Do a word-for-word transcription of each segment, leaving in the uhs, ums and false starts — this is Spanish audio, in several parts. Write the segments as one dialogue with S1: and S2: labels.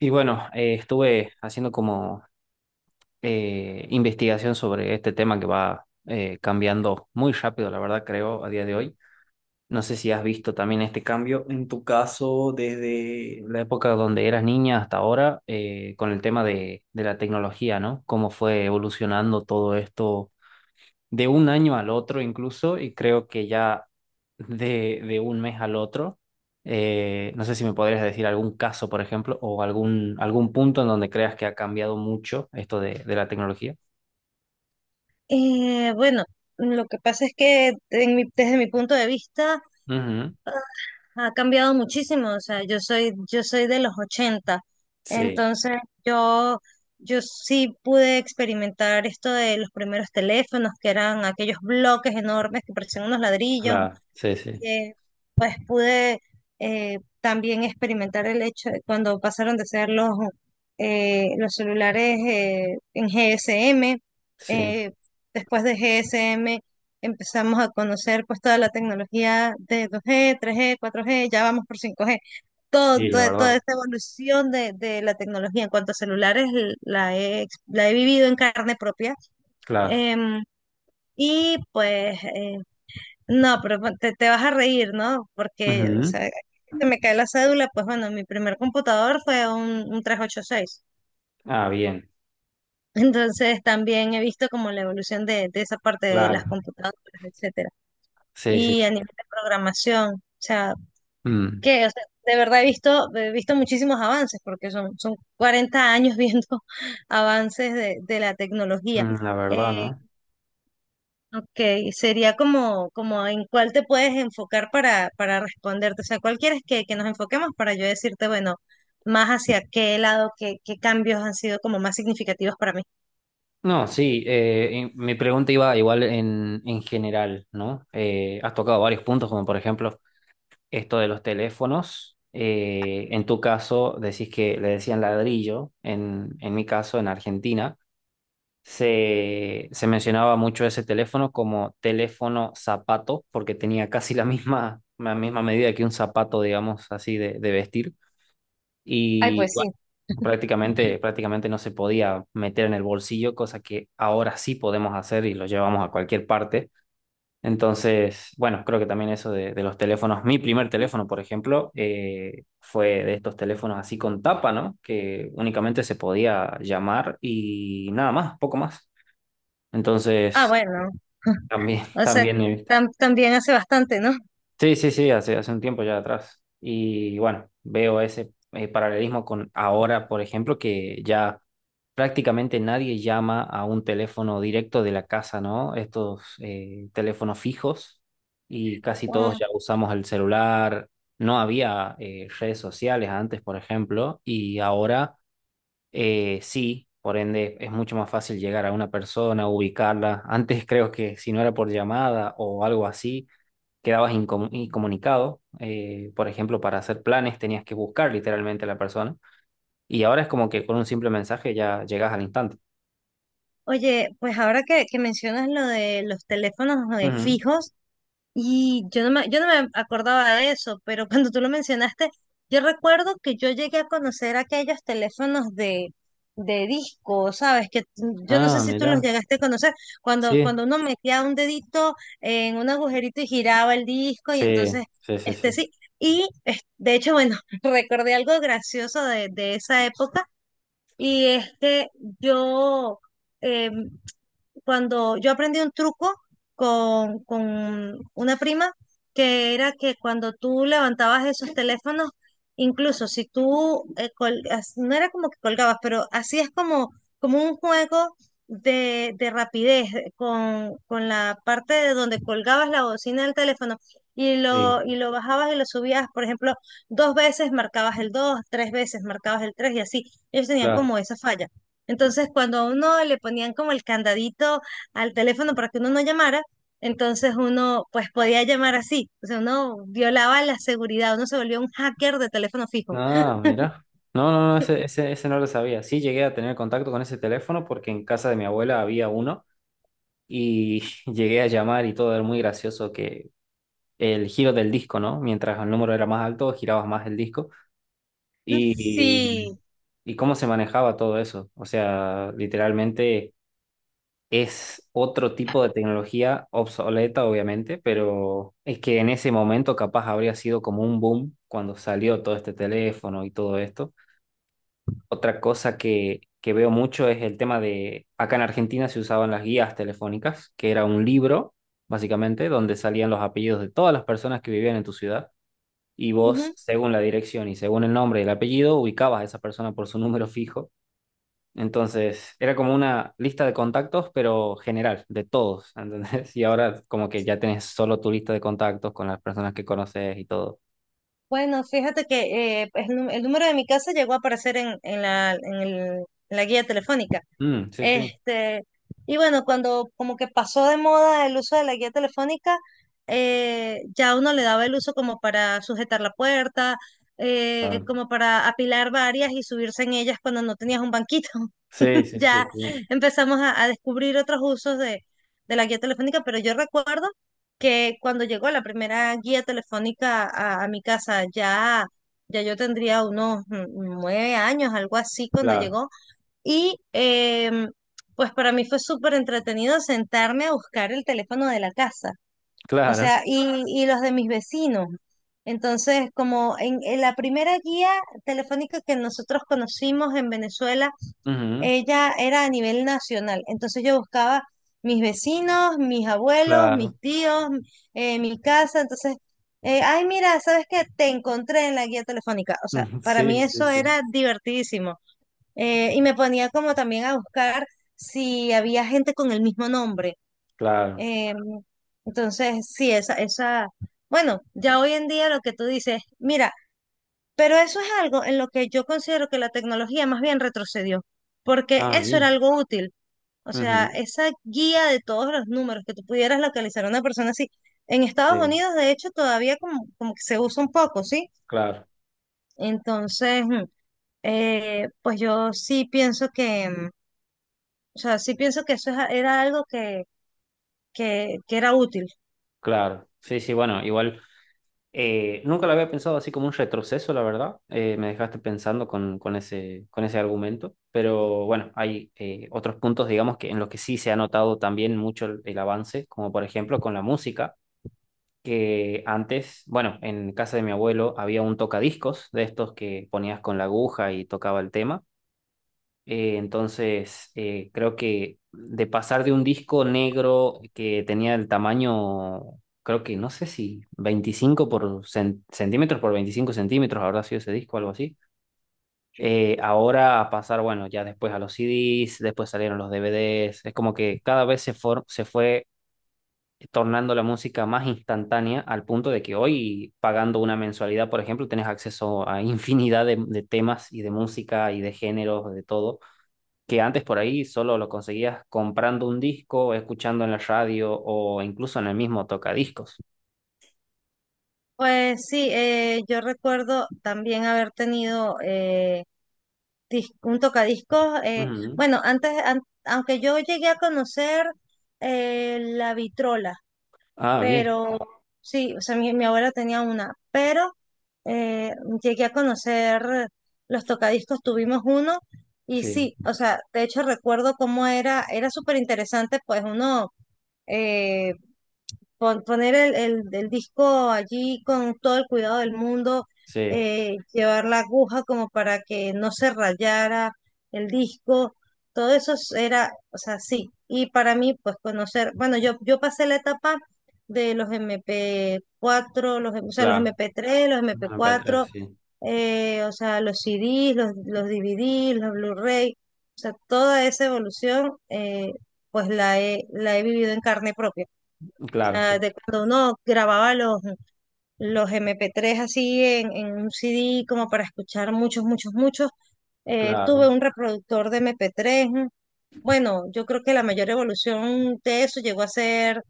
S1: Y bueno, eh, estuve haciendo como eh, investigación sobre este tema que va eh, cambiando muy rápido, la verdad, creo, a día de hoy. No sé si has visto también este cambio en tu caso desde la época donde eras niña hasta ahora, eh, con el tema de, de la tecnología, ¿no? Cómo fue evolucionando todo esto de un año al otro incluso, y creo que ya de, de un mes al otro. Eh, no sé si me podrías decir algún caso, por ejemplo, o algún, algún punto en donde creas que ha cambiado mucho esto de, de la tecnología.
S2: Eh, bueno, lo que pasa es que en mi- desde mi punto de vista
S1: Ujú.
S2: ah, ha cambiado muchísimo. O sea, yo soy, yo soy de los ochenta,
S1: Sí,
S2: entonces yo, yo sí pude experimentar esto de los primeros teléfonos, que eran aquellos bloques enormes que parecían unos ladrillos,
S1: claro, sí, sí,
S2: eh, pues pude eh, también experimentar el hecho de cuando pasaron de ser los, eh, los celulares eh, en G S M.
S1: sí,
S2: eh, Después de G S M empezamos a conocer pues toda la tecnología de dos G, tres G, cuatro G, ya vamos por cinco G. Todo,
S1: sí, la
S2: toda toda
S1: verdad,
S2: esta evolución de, de la tecnología en cuanto a celulares la he, ex- la he vivido en carne propia.
S1: claro.
S2: Em, y pues eh, no, pero pon- te, te vas a reír, ¿no? Porque, o
S1: Ujú.
S2: sea, se me cae la cédula, pues bueno, mi primer computador fue un, un trescientos ochenta y seis.
S1: Ah, bien,
S2: Entonces también he visto como la evolución de, de esa parte de las
S1: claro,
S2: computadoras, etcétera.
S1: sí, sí,
S2: Y
S1: sí.
S2: a nivel de programación, o sea,
S1: Mm,
S2: que, o sea, de verdad he visto, he visto muchísimos avances, porque son, son cuarenta años viendo avances de, de la tecnología.
S1: mm, la verdad,
S2: Eh,
S1: ¿no?
S2: Ok, sería como, como en cuál te puedes enfocar para, para responderte. O sea, ¿cuál quieres que, que nos enfoquemos para yo decirte, bueno, más hacia qué lado, qué, qué cambios han sido como más significativos para mí?
S1: No, sí, eh, y mi pregunta iba igual en, en general, ¿no? Eh, has tocado varios puntos, como por ejemplo esto de los teléfonos. eh, en tu caso, decís que le decían ladrillo, en, en mi caso, en Argentina, se, se mencionaba mucho ese teléfono como teléfono zapato, porque tenía casi la misma, la misma medida que un zapato, digamos así, de, de vestir.
S2: Ay,
S1: Y
S2: pues
S1: bueno,
S2: sí.
S1: prácticamente, prácticamente no se podía meter en el bolsillo, cosa que ahora sí podemos hacer y lo llevamos a cualquier parte. Entonces, bueno, creo que también eso de, de los teléfonos, mi primer teléfono, por ejemplo, eh, fue de estos teléfonos así con tapa, ¿no? Que únicamente se podía llamar y nada más, poco más.
S2: Ah,
S1: Entonces,
S2: bueno.
S1: también,
S2: O sea,
S1: también eh,
S2: tam- también hace bastante, ¿no?
S1: Sí, sí, sí, hace, hace un tiempo ya atrás. Y bueno, veo ese eh, paralelismo con ahora, por ejemplo, que ya prácticamente nadie llama a un teléfono directo de la casa, ¿no? Estos eh, teléfonos fijos y casi todos
S2: Ah.
S1: ya usamos el celular. No había eh, redes sociales antes, por ejemplo, y ahora eh, sí, por ende es mucho más fácil llegar a una persona, ubicarla. Antes creo que si no era por llamada o algo así quedabas incom- incomunicado. eh, por ejemplo, para hacer planes tenías que buscar literalmente a la persona. Y ahora es como que con un simple mensaje ya llegas al instante.
S2: Oye, pues ahora que, que mencionas lo de los teléfonos eh,
S1: Ujú.
S2: fijos, y yo no me, yo no me acordaba de eso, pero cuando tú lo mencionaste, yo recuerdo que yo llegué a conocer aquellos teléfonos de, de disco, ¿sabes? Que tú- yo no sé
S1: Ah,
S2: si tú los
S1: mira.
S2: llegaste a conocer, cuando,
S1: Sí,
S2: cuando uno metía un dedito en un agujerito y giraba el disco, y entonces,
S1: sí, sí, sí,
S2: este
S1: sí.
S2: sí. Y es- de hecho, bueno, recordé algo gracioso de, de esa época, y es que yo. em, cuando yo aprendí un truco con, con una prima que era que cuando tú levantabas esos teléfonos, incluso si tú, eh, col- as- no era como que colgabas, pero hacías como, como un juego de, de rapidez eh, con, con la parte de donde colgabas la bocina del teléfono y
S1: Sí,
S2: lo, y lo bajabas y lo subías. Por ejemplo, dos veces marcabas el dos, tres veces marcabas el tres y así. Ellos tenían
S1: claro.
S2: como esa falla. Entonces, cuando a uno le ponían como el candadito al teléfono para que uno no llamara, entonces uno pues podía llamar así. O sea, uno violaba la seguridad, uno se volvió un hacker de teléfono fijo.
S1: Ah, mira. No, no, no, ese, ese, ese no lo sabía. Sí, llegué a tener contacto con ese teléfono porque en casa de mi abuela había uno y llegué a llamar y todo era muy gracioso que el giro del disco, ¿no? Mientras el número era más alto, girabas más el disco. Y
S2: Sí.
S1: ¿y cómo se manejaba todo eso? O sea, literalmente es otro tipo de tecnología obsoleta, obviamente, pero es que en ese momento capaz habría sido como un boom cuando salió todo este teléfono y todo esto. Otra cosa que, que veo mucho es el tema de, acá en Argentina se usaban las guías telefónicas, que era un libro, básicamente, donde salían los apellidos de todas las personas que vivían en tu ciudad. Y vos,
S2: Ujú.
S1: según la dirección y según el nombre y el apellido, ubicabas a esa persona por su número fijo entonces, era como una lista de contactos, pero general, de todos, ¿entendés? Y ahora como que ya tenés solo tu lista de contactos con las personas que conoces y todo.
S2: Bueno, fíjate que eh, pues, el, nu- el número de mi casa llegó a aparecer en, en la, en el- en la guía telefónica.
S1: Mm, sí, sí.
S2: Este, y bueno, cuando como que pasó de moda el uso de la guía telefónica, eh, ya uno le daba el uso como para sujetar la puerta, eh,
S1: Claro.
S2: como para apilar varias y subirse en ellas cuando no tenías un banquito.
S1: Sí, sí,
S2: Ya
S1: sí, sí.
S2: empezamos a, a descubrir otros usos de, de la guía telefónica, pero yo recuerdo que cuando llegó la primera guía telefónica a, a mi casa, ya, ya yo tendría unos mm, nueve años, algo así, cuando
S1: Claro.
S2: llegó. Y em, pues para mí fue súper entretenido sentarme a buscar el teléfono de la casa, o
S1: Claro.
S2: sea, y, y los de mis vecinos. Entonces, como en, en la primera guía telefónica que nosotros conocimos en Venezuela,
S1: Ujú.
S2: ella era a nivel nacional. Entonces yo buscaba mis vecinos, mis abuelos, mis
S1: Claro.
S2: tíos, eh, mi casa. Entonces, eh, ay, mira, ¿sabes qué? Te encontré en la guía telefónica. O sea,
S1: Ujú.
S2: para mí
S1: Sí, sí,
S2: eso
S1: sí.
S2: era divertidísimo. Eh, y me ponía como también a buscar si había gente con el mismo nombre.
S1: Claro.
S2: Eh, entonces, sí, esa, esa, bueno, ya hoy en día lo que tú dices, mira, pero eso es algo en lo que yo considero que la tecnología más bien retrocedió, porque
S1: Ah,
S2: eso era
S1: bien.
S2: algo útil. O sea,
S1: Ujú.
S2: esa guía de todos los números que tú pudieras localizar a una persona así. En Estados
S1: Sí,
S2: Unidos, de hecho, todavía como, como que se usa un poco, ¿sí?
S1: claro,
S2: Entonces, mm, eh, pues yo sí pienso que... mm, o sea, sí pienso que eso es era algo que, que, que era útil.
S1: claro. Sí, sí, bueno, igual. Eh, nunca lo había pensado así como un retroceso, la verdad. Eh, me dejaste pensando con, con ese, con ese argumento. Pero bueno, hay eh, otros puntos, digamos, que en los que sí se ha notado también mucho el, el avance, como por ejemplo con la música, que antes, bueno, en casa de mi abuelo había un tocadiscos de estos que ponías con la aguja y tocaba el tema. Eh, entonces, eh, creo que de pasar de un disco negro que tenía el tamaño, creo que no sé si veinticinco por cen- centímetros por veinticinco centímetros habrá sido ese disco, algo así. Eh, ahora a pasar, bueno, ya después a los C Ds, después salieron los D V Ds. Es como que cada vez se, for- se fue tornando la música más instantánea al punto de que hoy, pagando una mensualidad, por ejemplo, tenés acceso a infinidad de de temas y de música y de géneros, de todo que antes por ahí solo lo conseguías comprando un disco, escuchando en la radio o incluso en el mismo tocadiscos.
S2: Pues sí, eh, yo recuerdo también haber tenido eh, dis- un tocadiscos. eh,
S1: Ujú.
S2: bueno, antes, an- aunque yo llegué a conocer eh, la vitrola,
S1: Ah, bien.
S2: pero sí, o sea, mi, mi abuela tenía una, pero eh, llegué a conocer los tocadiscos, tuvimos uno y
S1: Sí,
S2: sí, o sea, de hecho recuerdo cómo era. Era súper interesante, pues uno... eh, pon- poner el, el, el disco allí con todo el cuidado del mundo,
S1: sí,
S2: eh, llevar la aguja como para que no se rayara el disco, todo eso es- era, o sea, sí. Y para mí, pues conocer, bueno, yo, yo pasé la etapa de los M P cuatro los, o sea, los
S1: claro.
S2: M P tres los
S1: Una
S2: mp
S1: M P tres,
S2: cuatro
S1: sí.
S2: eh, o sea, los C Ds, los, los D V Ds, los Blu-ray, o sea, toda esa evolución. Eh, pues la he, la he vivido en carne propia,
S1: Claro,
S2: sea,
S1: sí,
S2: de cuando uno grababa los, los M P tres así en, en un C D como para escuchar muchos, muchos, muchos. Eh, tuve
S1: claro,
S2: un reproductor de M P tres. Bueno, yo creo que la mayor evolución de eso llegó a ser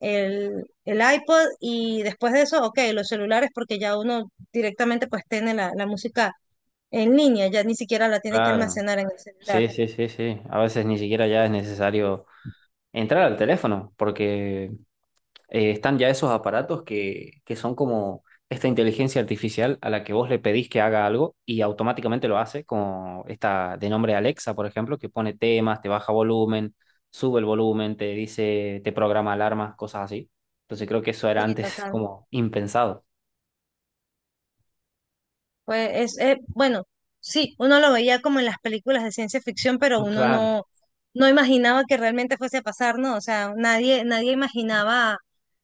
S2: el, el iPod y después de eso, ok, los celulares porque ya uno directamente pues tiene la, la música en línea, ya ni siquiera la tiene que
S1: claro.
S2: almacenar en el celular.
S1: Sí, sí, sí, sí. A veces ni siquiera ya es necesario entrar al teléfono porque eh, están ya esos aparatos que, que son como esta inteligencia artificial a la que vos le pedís que haga algo y automáticamente lo hace, como esta de nombre Alexa, por ejemplo, que pone temas, te baja volumen, sube el volumen, te dice, te programa alarmas, cosas así. Entonces creo que eso era
S2: Sí,
S1: antes
S2: total.
S1: como impensado.
S2: Pues es, eh, bueno, sí, uno lo veía como en las películas de ciencia ficción, pero uno
S1: Claro,
S2: no, no imaginaba que realmente fuese a pasar, ¿no? O sea, nadie, nadie imaginaba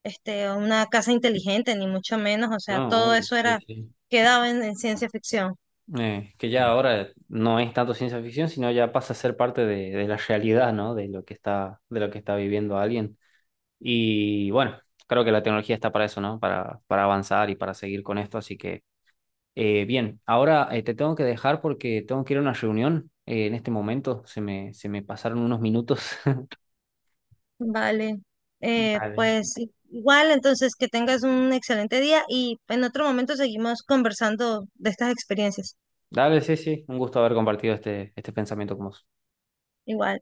S2: este, una casa inteligente, ni mucho menos. O sea,
S1: no,
S2: todo
S1: obvio,
S2: eso
S1: sí,
S2: era,
S1: sí.
S2: quedaba en, en ciencia ficción.
S1: Eh, que ya ahora no es tanto ciencia ficción, sino ya pasa a ser parte de, de la realidad, ¿no? De lo que está, de lo que está viviendo alguien. Y bueno, creo que la tecnología está para eso, ¿no? Para, para avanzar y para seguir con esto. Así que, eh, bien, ahora eh, te tengo que dejar porque tengo que ir a una reunión eh, en este momento. Se me, se me pasaron unos minutos.
S2: Vale. Eh,
S1: Dale.
S2: pues i- igual, entonces, que tengas un excelente día y en otro momento seguimos conversando de estas experiencias.
S1: Dale, sí, sí. Un gusto haber compartido este, este pensamiento con vos.
S2: Igual.